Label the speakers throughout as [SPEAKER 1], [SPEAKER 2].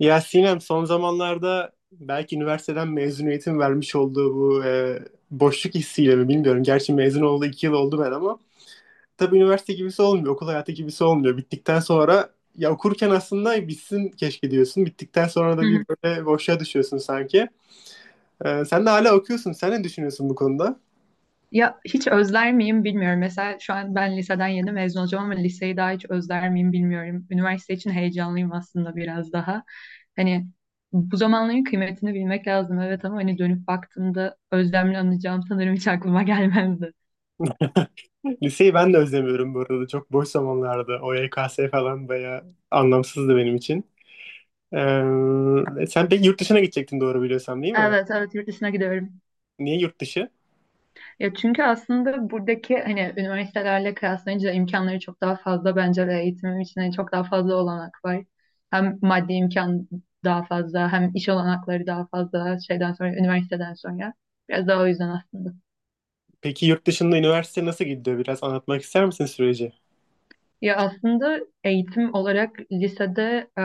[SPEAKER 1] Ya Sinem, son zamanlarda belki üniversiteden mezuniyetin vermiş olduğu bu boşluk hissiyle mi bilmiyorum. Gerçi mezun oldu 2 yıl oldu ben, ama tabii üniversite gibisi olmuyor. Okul hayatı gibisi olmuyor. Bittikten sonra ya okurken aslında bitsin keşke diyorsun. Bittikten sonra
[SPEAKER 2] Hı
[SPEAKER 1] da bir
[SPEAKER 2] hı.
[SPEAKER 1] böyle boşluğa düşüyorsun sanki. Sen de hala okuyorsun. Sen ne düşünüyorsun bu konuda?
[SPEAKER 2] Ya hiç özler miyim bilmiyorum. Mesela şu an ben liseden yeni mezun olacağım ama liseyi daha hiç özler miyim bilmiyorum. Üniversite için heyecanlıyım aslında biraz daha. Hani bu zamanların kıymetini bilmek lazım, evet, ama hani dönüp baktığımda özlemle anacağım sanırım hiç aklıma gelmezdi.
[SPEAKER 1] Liseyi ben de özlemiyorum bu arada. Çok boş zamanlarda. O YKS falan bayağı anlamsızdı benim için. Sen pek yurt dışına gidecektin, doğru biliyorsam, değil mi?
[SPEAKER 2] Evet, evet, yurt dışına gidiyorum.
[SPEAKER 1] Niye yurt dışı?
[SPEAKER 2] Ya çünkü aslında buradaki hani üniversitelerle kıyaslayınca imkanları çok daha fazla bence ve eğitimim için hani çok daha fazla olanak var. Hem maddi imkan daha fazla, hem iş olanakları daha fazla şeyden sonra, üniversiteden sonra. Biraz daha o yüzden aslında.
[SPEAKER 1] Peki yurt dışında üniversite nasıl gidiyor? Biraz anlatmak ister misin süreci?
[SPEAKER 2] Ya aslında eğitim olarak lisede e,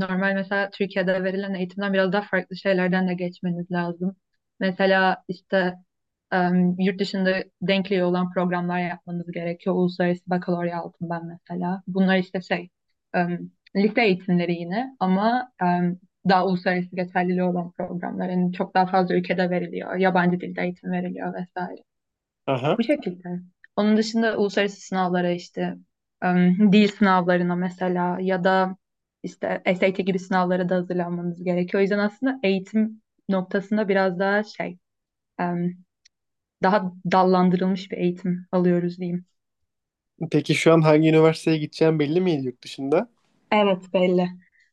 [SPEAKER 2] normal, mesela Türkiye'de verilen eğitimden biraz daha farklı şeylerden de geçmeniz lazım. Mesela işte e, yurt dışında denkliği olan programlar yapmanız gerekiyor. Uluslararası bakalorya aldım ben mesela. Bunlar işte şey, e, lise eğitimleri yine ama daha uluslararası geçerliliği olan programlar. Yani çok daha fazla ülkede veriliyor. Yabancı dilde eğitim veriliyor vesaire.
[SPEAKER 1] Aha.
[SPEAKER 2] Bu şekilde. Onun dışında uluslararası sınavlara işte, dil sınavlarına mesela, ya da işte SAT gibi sınavlara da hazırlanmamız gerekiyor. O yüzden aslında eğitim noktasında biraz daha şey, em, daha dallandırılmış bir eğitim alıyoruz diyeyim.
[SPEAKER 1] Peki şu an hangi üniversiteye gideceğim belli mi yurt dışında?
[SPEAKER 2] Evet, belli.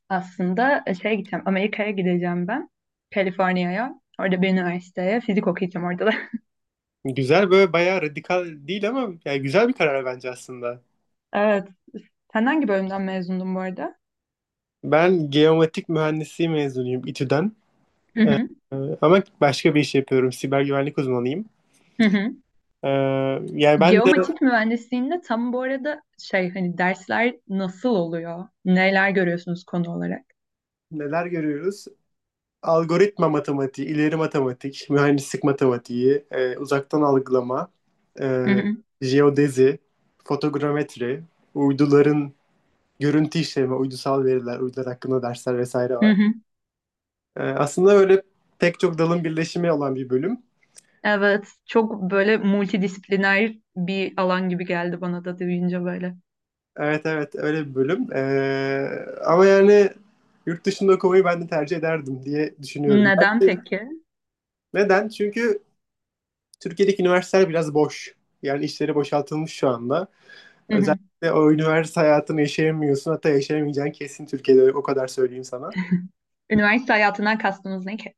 [SPEAKER 2] Aslında şeye gideceğim, Amerika'ya gideceğim ben. Kaliforniya'ya. Orada bir üniversiteye fizik okuyacağım orada da.
[SPEAKER 1] Güzel, böyle bayağı radikal değil ama yani güzel bir karar bence aslında.
[SPEAKER 2] Evet. Sen hangi bölümden mezundun bu arada?
[SPEAKER 1] Ben geomatik mühendisliği mezunuyum, İTÜ'den.
[SPEAKER 2] Hı hı.
[SPEAKER 1] Ama başka bir iş yapıyorum. Siber güvenlik uzmanıyım.
[SPEAKER 2] Hı hı.
[SPEAKER 1] Ee, Yani ben de
[SPEAKER 2] Geomatik mühendisliğinde tam bu arada şey, hani dersler nasıl oluyor? Neler görüyorsunuz konu olarak?
[SPEAKER 1] neler görüyoruz? Algoritma matematiği, ileri matematik, mühendislik matematiği, uzaktan algılama, e,
[SPEAKER 2] Hı hı,
[SPEAKER 1] jeodezi, fotogrametri, uyduların görüntü işleme, uydusal veriler, uydular hakkında dersler vesaire
[SPEAKER 2] hı
[SPEAKER 1] var.
[SPEAKER 2] hı.
[SPEAKER 1] Aslında öyle pek çok dalın birleşimi olan bir bölüm.
[SPEAKER 2] Evet, çok böyle multidisipliner bir alan gibi geldi bana da duyunca böyle.
[SPEAKER 1] Evet, evet, öyle bir bölüm. Ama yani yurt dışında okumayı ben de tercih ederdim diye düşünüyorum.
[SPEAKER 2] Neden
[SPEAKER 1] Yani
[SPEAKER 2] peki?
[SPEAKER 1] neden? Çünkü Türkiye'deki üniversiteler biraz boş. Yani işleri boşaltılmış şu anda.
[SPEAKER 2] Hı hı.
[SPEAKER 1] Özellikle o üniversite hayatını yaşayamıyorsun. Hatta yaşayamayacağın kesin Türkiye'de, o kadar söyleyeyim sana.
[SPEAKER 2] Üniversite hayatından kastınız ne ki?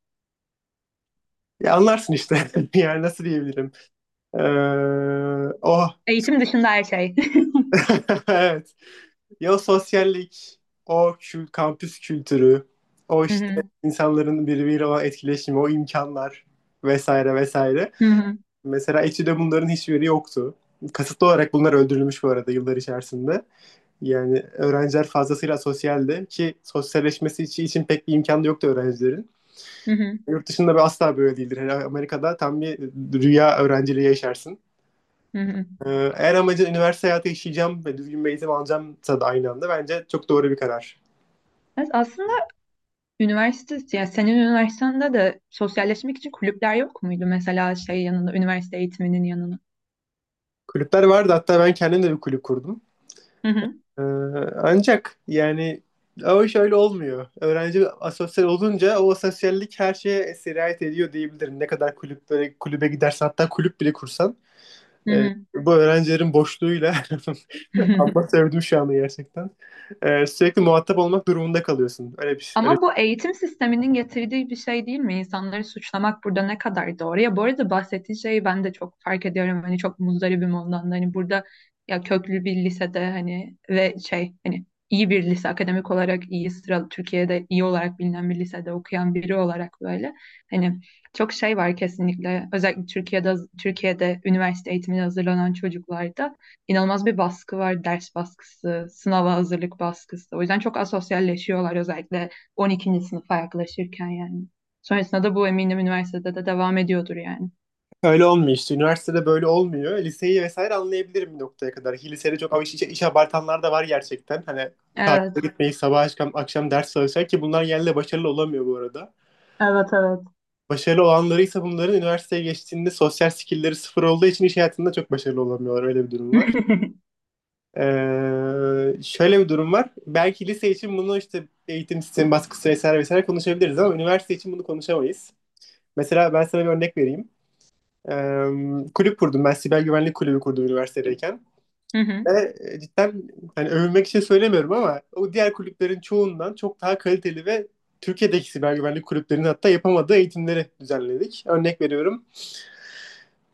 [SPEAKER 1] Ya anlarsın işte. Yani nasıl diyebilirim? Ee, oh.
[SPEAKER 2] Eğitim dışında her şey.
[SPEAKER 1] Evet. Ya sosyallik, kampüs kültürü, o
[SPEAKER 2] Hı
[SPEAKER 1] işte
[SPEAKER 2] hı,
[SPEAKER 1] insanların birbiriyle olan etkileşimi, o imkanlar vesaire vesaire.
[SPEAKER 2] hı hı,
[SPEAKER 1] Mesela etüde bunların hiçbiri yoktu. Kasıtlı olarak bunlar öldürülmüş bu arada yıllar içerisinde. Yani öğrenciler fazlasıyla sosyaldi ki sosyalleşmesi için pek bir imkan da yoktu öğrencilerin.
[SPEAKER 2] hı hı,
[SPEAKER 1] Yurt dışında bir asla böyle değildir. Hele Amerika'da tam bir rüya öğrenciliği yaşarsın.
[SPEAKER 2] hı hı.
[SPEAKER 1] Eğer amacın üniversite hayatı yaşayacağım ve düzgün bir eğitim alacağımsa da aynı anda, bence çok doğru bir karar.
[SPEAKER 2] Evet, aslında üniversite, yani senin üniversitende de sosyalleşmek için kulüpler yok muydu? Mesela şey yanında, üniversite eğitiminin yanına.
[SPEAKER 1] Kulüpler vardı. Hatta ben kendim de bir kulüp kurdum.
[SPEAKER 2] Hı hı,
[SPEAKER 1] Ee, Ancak yani o şöyle olmuyor. Öğrenci asosyal olunca o asosyallik her şeye sirayet ediyor diyebilirim. Ne kadar kulübe gidersen, hatta kulüp bile kursan
[SPEAKER 2] hı hı.
[SPEAKER 1] bu öğrencilerin boşluğuyla
[SPEAKER 2] Hı.
[SPEAKER 1] ama sevdim şu anı gerçekten. Sürekli muhatap olmak durumunda kalıyorsun. Öyle bir,
[SPEAKER 2] Ama bu eğitim sisteminin getirdiği bir şey değil mi? İnsanları suçlamak burada ne kadar doğru? Ya bu arada bahsettiğin şeyi ben de çok fark ediyorum. Hani çok muzdaribim ondan da. Hani burada ya köklü bir lisede, hani, ve şey, hani iyi bir lise, akademik olarak iyi sıralı, Türkiye'de iyi olarak bilinen bir lisede okuyan biri olarak böyle, hani çok şey var kesinlikle, özellikle Türkiye'de, Türkiye'de üniversite eğitimine hazırlanan çocuklarda inanılmaz bir baskı var, ders baskısı, sınava hazırlık baskısı, o yüzden çok asosyalleşiyorlar, özellikle 12. sınıfa yaklaşırken yani. Sonrasında da bu eminim üniversitede de devam ediyordur yani.
[SPEAKER 1] öyle olmuyor işte. Üniversitede böyle olmuyor. Liseyi vesaire anlayabilirim bir noktaya kadar. Ki lisede çok ama iş abartanlar da var gerçekten. Hani
[SPEAKER 2] Evet.
[SPEAKER 1] tatile gitmeyi sabah akşam ders çalışıyor ki bunlar genelde başarılı olamıyor bu arada.
[SPEAKER 2] Evet, evet.
[SPEAKER 1] Başarılı olanları ise bunların üniversiteye geçtiğinde sosyal skillleri sıfır olduğu için iş hayatında çok başarılı olamıyorlar. Öyle bir durum var. Şöyle bir durum var. Belki lise için bunu işte eğitim sistemi baskısı vesaire vesaire konuşabiliriz, ama üniversite için bunu konuşamayız. Mesela ben sana bir örnek vereyim. Ee, Kulüp kurdum ben. Siber güvenlik kulübü kurdum üniversitedeyken.
[SPEAKER 2] Hı hı.
[SPEAKER 1] Ve cidden, hani övünmek için söylemiyorum ama o diğer kulüplerin çoğundan çok daha kaliteli ve Türkiye'deki siber güvenlik kulüplerinin hatta yapamadığı eğitimleri düzenledik. Örnek veriyorum.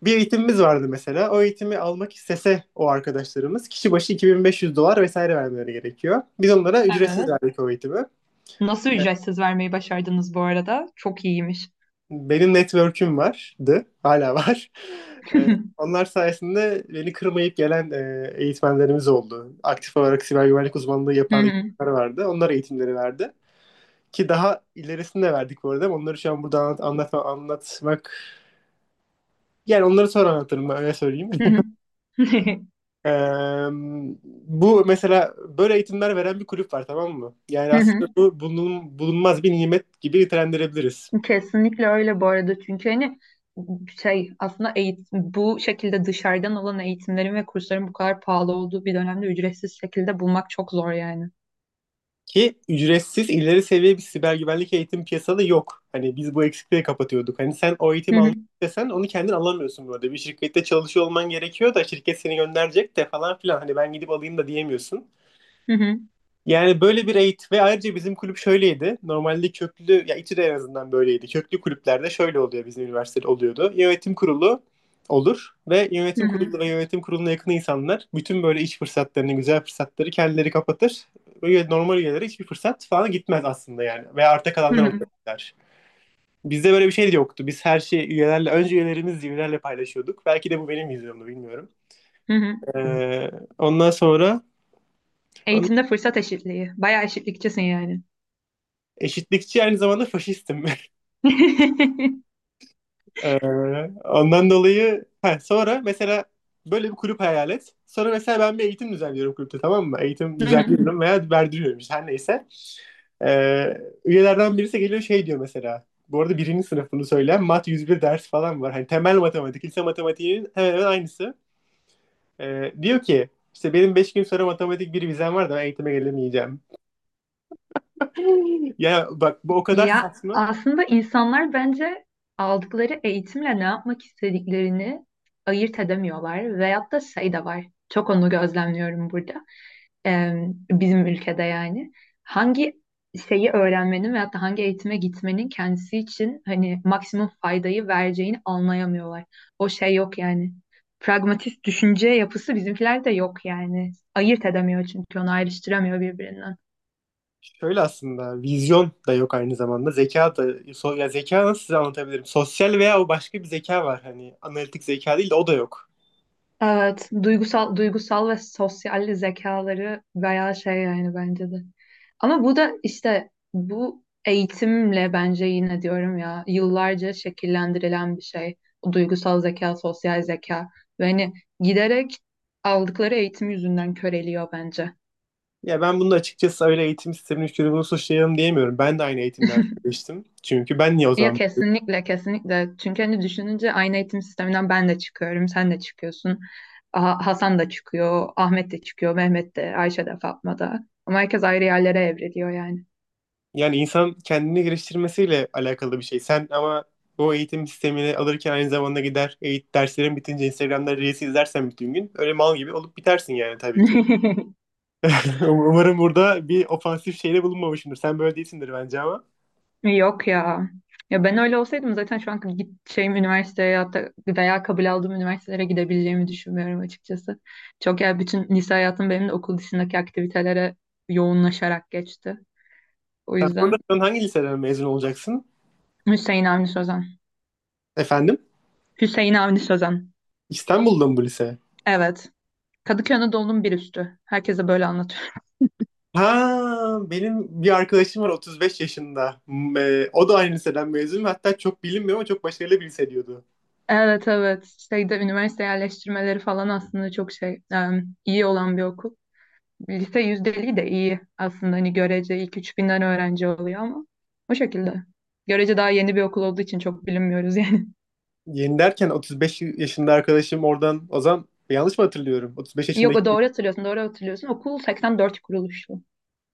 [SPEAKER 1] Bir eğitimimiz vardı mesela. O eğitimi almak istese o arkadaşlarımız kişi başı 2500 dolar vesaire vermeleri gerekiyor. Biz onlara ücretsiz
[SPEAKER 2] Evet.
[SPEAKER 1] verdik o eğitimi.
[SPEAKER 2] Nasıl ücretsiz vermeyi başardınız bu arada? Çok iyiymiş.
[SPEAKER 1] Benim network'üm vardı, hala var. Ee, Onlar sayesinde beni kırmayıp gelen eğitmenlerimiz oldu. Aktif olarak siber güvenlik uzmanlığı
[SPEAKER 2] Hı
[SPEAKER 1] yapan
[SPEAKER 2] hı.
[SPEAKER 1] eğitimler vardı. Onlar eğitimleri verdi. Ki daha ilerisini de verdik bu arada. Ama onları şu an burada anlatmak... Yani onları sonra anlatırım ben, öyle söyleyeyim.
[SPEAKER 2] Hı hı.
[SPEAKER 1] Ee, Bu mesela böyle eğitimler veren bir kulüp var, tamam mı? Yani
[SPEAKER 2] Hı hı.
[SPEAKER 1] aslında bu bulunmaz bir nimet gibi nitelendirebiliriz.
[SPEAKER 2] Kesinlikle öyle bu arada, çünkü hani şey, aslında eğitim, bu şekilde dışarıdan olan eğitimlerin ve kursların bu kadar pahalı olduğu bir dönemde ücretsiz şekilde bulmak çok zor yani.
[SPEAKER 1] Ki ücretsiz ileri seviye bir siber güvenlik eğitim piyasada yok. Hani biz bu eksikliği kapatıyorduk. Hani sen o
[SPEAKER 2] Hı
[SPEAKER 1] eğitimi
[SPEAKER 2] hı.
[SPEAKER 1] almak istesen onu kendin alamıyorsun böyle. Bir şirkette çalışıyor olman gerekiyor da şirket seni gönderecek de falan filan. Hani ben gidip alayım da diyemiyorsun.
[SPEAKER 2] Hı hı.
[SPEAKER 1] Yani böyle bir eğitim. Ve ayrıca bizim kulüp şöyleydi. Normalde köklü, ya İTÜ'de en azından böyleydi. Köklü kulüplerde şöyle oluyor, bizim üniversitede oluyordu. Yönetim kurulu olur, ve
[SPEAKER 2] Hı
[SPEAKER 1] yönetim
[SPEAKER 2] hı.
[SPEAKER 1] kurulu ve yönetim kuruluna yakın insanlar bütün böyle iş fırsatlarını, güzel fırsatları kendileri kapatır. Böyle normal üyelere hiçbir fırsat falan gitmez aslında yani. Ve arta
[SPEAKER 2] Hı
[SPEAKER 1] kalanlar
[SPEAKER 2] hı.
[SPEAKER 1] oluyorlar. Bizde böyle bir şey de yoktu. Biz her şeyi üyelerle, önce üyelerimiz üyelerle paylaşıyorduk. Belki de bu benim yüzümdü, bilmiyorum.
[SPEAKER 2] Hı hı.
[SPEAKER 1] Ee, Ondan sonra ondan-
[SPEAKER 2] Eğitimde fırsat eşitliği. Bayağı eşitlikçisin yani.
[SPEAKER 1] eşitlikçi, aynı zamanda faşistim. Ondan dolayı ha, sonra mesela böyle bir kulüp hayal et. Sonra mesela ben bir eğitim düzenliyorum kulüpte, tamam mı? Eğitim
[SPEAKER 2] Hı hı.
[SPEAKER 1] düzenliyorum veya verdiriyorum işte, her neyse. Üyelerden birisi geliyor şey diyor mesela. Bu arada birinci sınıfını söyleyen mat 101 ders falan var. Hani temel matematik, lise matematiğinin hemen hemen aynısı. Diyor ki işte benim 5 gün sonra matematik bir vizem var da ben eğitime gelemeyeceğim. Ya bak, bu o kadar
[SPEAKER 2] Ya
[SPEAKER 1] saçma.
[SPEAKER 2] aslında insanlar bence aldıkları eğitimle ne yapmak istediklerini ayırt edemiyorlar. Veyahut da şey de var. Çok onu gözlemliyorum burada. e, bizim ülkede yani hangi şeyi öğrenmenin veyahut da hangi eğitime gitmenin kendisi için hani maksimum faydayı vereceğini anlayamıyorlar. O şey yok yani. Pragmatist düşünce yapısı bizimkilerde yok yani. Ayırt edemiyor çünkü onu ayrıştıramıyor birbirinden.
[SPEAKER 1] Şöyle aslında vizyon da yok aynı zamanda. Ya zeka nasıl size anlatabilirim? Sosyal veya o başka bir zeka var. Hani analitik zeka değil de o da yok.
[SPEAKER 2] Evet, duygusal duygusal ve sosyal zekaları bayağı şey yani, bence de. Ama bu da işte bu eğitimle, bence, yine diyorum ya, yıllarca şekillendirilen bir şey. O duygusal zeka, sosyal zeka, ve hani giderek aldıkları eğitim yüzünden köreliyor bence.
[SPEAKER 1] Ya ben bunu açıkçası öyle eğitim sisteminin şunu bunu suçlayalım diyemiyorum. Ben de aynı eğitimlerden geçtim. Çünkü ben niye o
[SPEAKER 2] Ya
[SPEAKER 1] zaman
[SPEAKER 2] kesinlikle, kesinlikle, çünkü hani düşününce aynı eğitim sisteminden ben de çıkıyorum, sen de çıkıyorsun, Hasan da çıkıyor, Ahmet de çıkıyor, Mehmet de, Ayşe de, Fatma da, ama herkes ayrı yerlere evriliyor yani.
[SPEAKER 1] yani insan kendini geliştirmesiyle alakalı bir şey. Sen ama o eğitim sistemini alırken aynı zamanda gider eğit derslerin bitince Instagram'da Reels izlersen bütün gün öyle mal gibi olup bitersin yani tabii ki. Umarım burada bir ofansif şeyde bulunmamışımdır. Sen böyle değilsindir bence ama.
[SPEAKER 2] Yok ya, ya ben öyle olsaydım zaten şu an gideceğim üniversiteye ya da veya kabul aldığım üniversitelere gidebileceğimi düşünmüyorum açıkçası. Çok, ya bütün lise hayatım benim de okul dışındaki aktivitelere yoğunlaşarak geçti. O
[SPEAKER 1] Sen burada
[SPEAKER 2] yüzden.
[SPEAKER 1] şu an hangi liseden mezun olacaksın?
[SPEAKER 2] Hüseyin Avni Sözen.
[SPEAKER 1] Efendim?
[SPEAKER 2] Hüseyin Avni Sözen.
[SPEAKER 1] İstanbul'da mı bu lise?
[SPEAKER 2] Evet. Kadıköy Anadolu'nun bir üstü. Herkese böyle anlatıyorum.
[SPEAKER 1] Ha, benim bir arkadaşım var 35 yaşında. O da aynı liseden mezun. Hatta çok bilinmiyor ama çok başarılı bir lise diyordu.
[SPEAKER 2] Evet, evet. Şeyde üniversite yerleştirmeleri falan aslında çok şey, iyi olan bir okul. Lise yüzdeliği de iyi aslında. Hani görece ilk 3000'den öğrenci oluyor ama o şekilde. Görece daha yeni bir okul olduğu için çok bilinmiyoruz yani.
[SPEAKER 1] Yeni derken 35 yaşında arkadaşım oradan Ozan, yanlış mı hatırlıyorum? 35
[SPEAKER 2] Yok,
[SPEAKER 1] yaşındaki.
[SPEAKER 2] o doğru hatırlıyorsun, doğru hatırlıyorsun. Okul 84 kuruluşlu.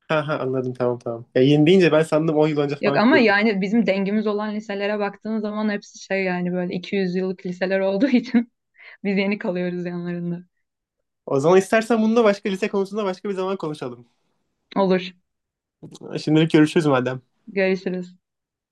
[SPEAKER 1] Ha ha, anladım, tamam tamam. Ya yeni deyince ben sandım 10 yıl önce
[SPEAKER 2] Yok
[SPEAKER 1] falan
[SPEAKER 2] ama
[SPEAKER 1] kurduk.
[SPEAKER 2] yani bizim dengimiz olan liselere baktığın zaman hepsi şey, yani böyle 200 yıllık liseler olduğu için biz yeni kalıyoruz yanlarında.
[SPEAKER 1] O zaman istersen bununla başka lise konusunda başka bir zaman konuşalım.
[SPEAKER 2] Olur.
[SPEAKER 1] Şimdilik görüşürüz madem.
[SPEAKER 2] Görüşürüz.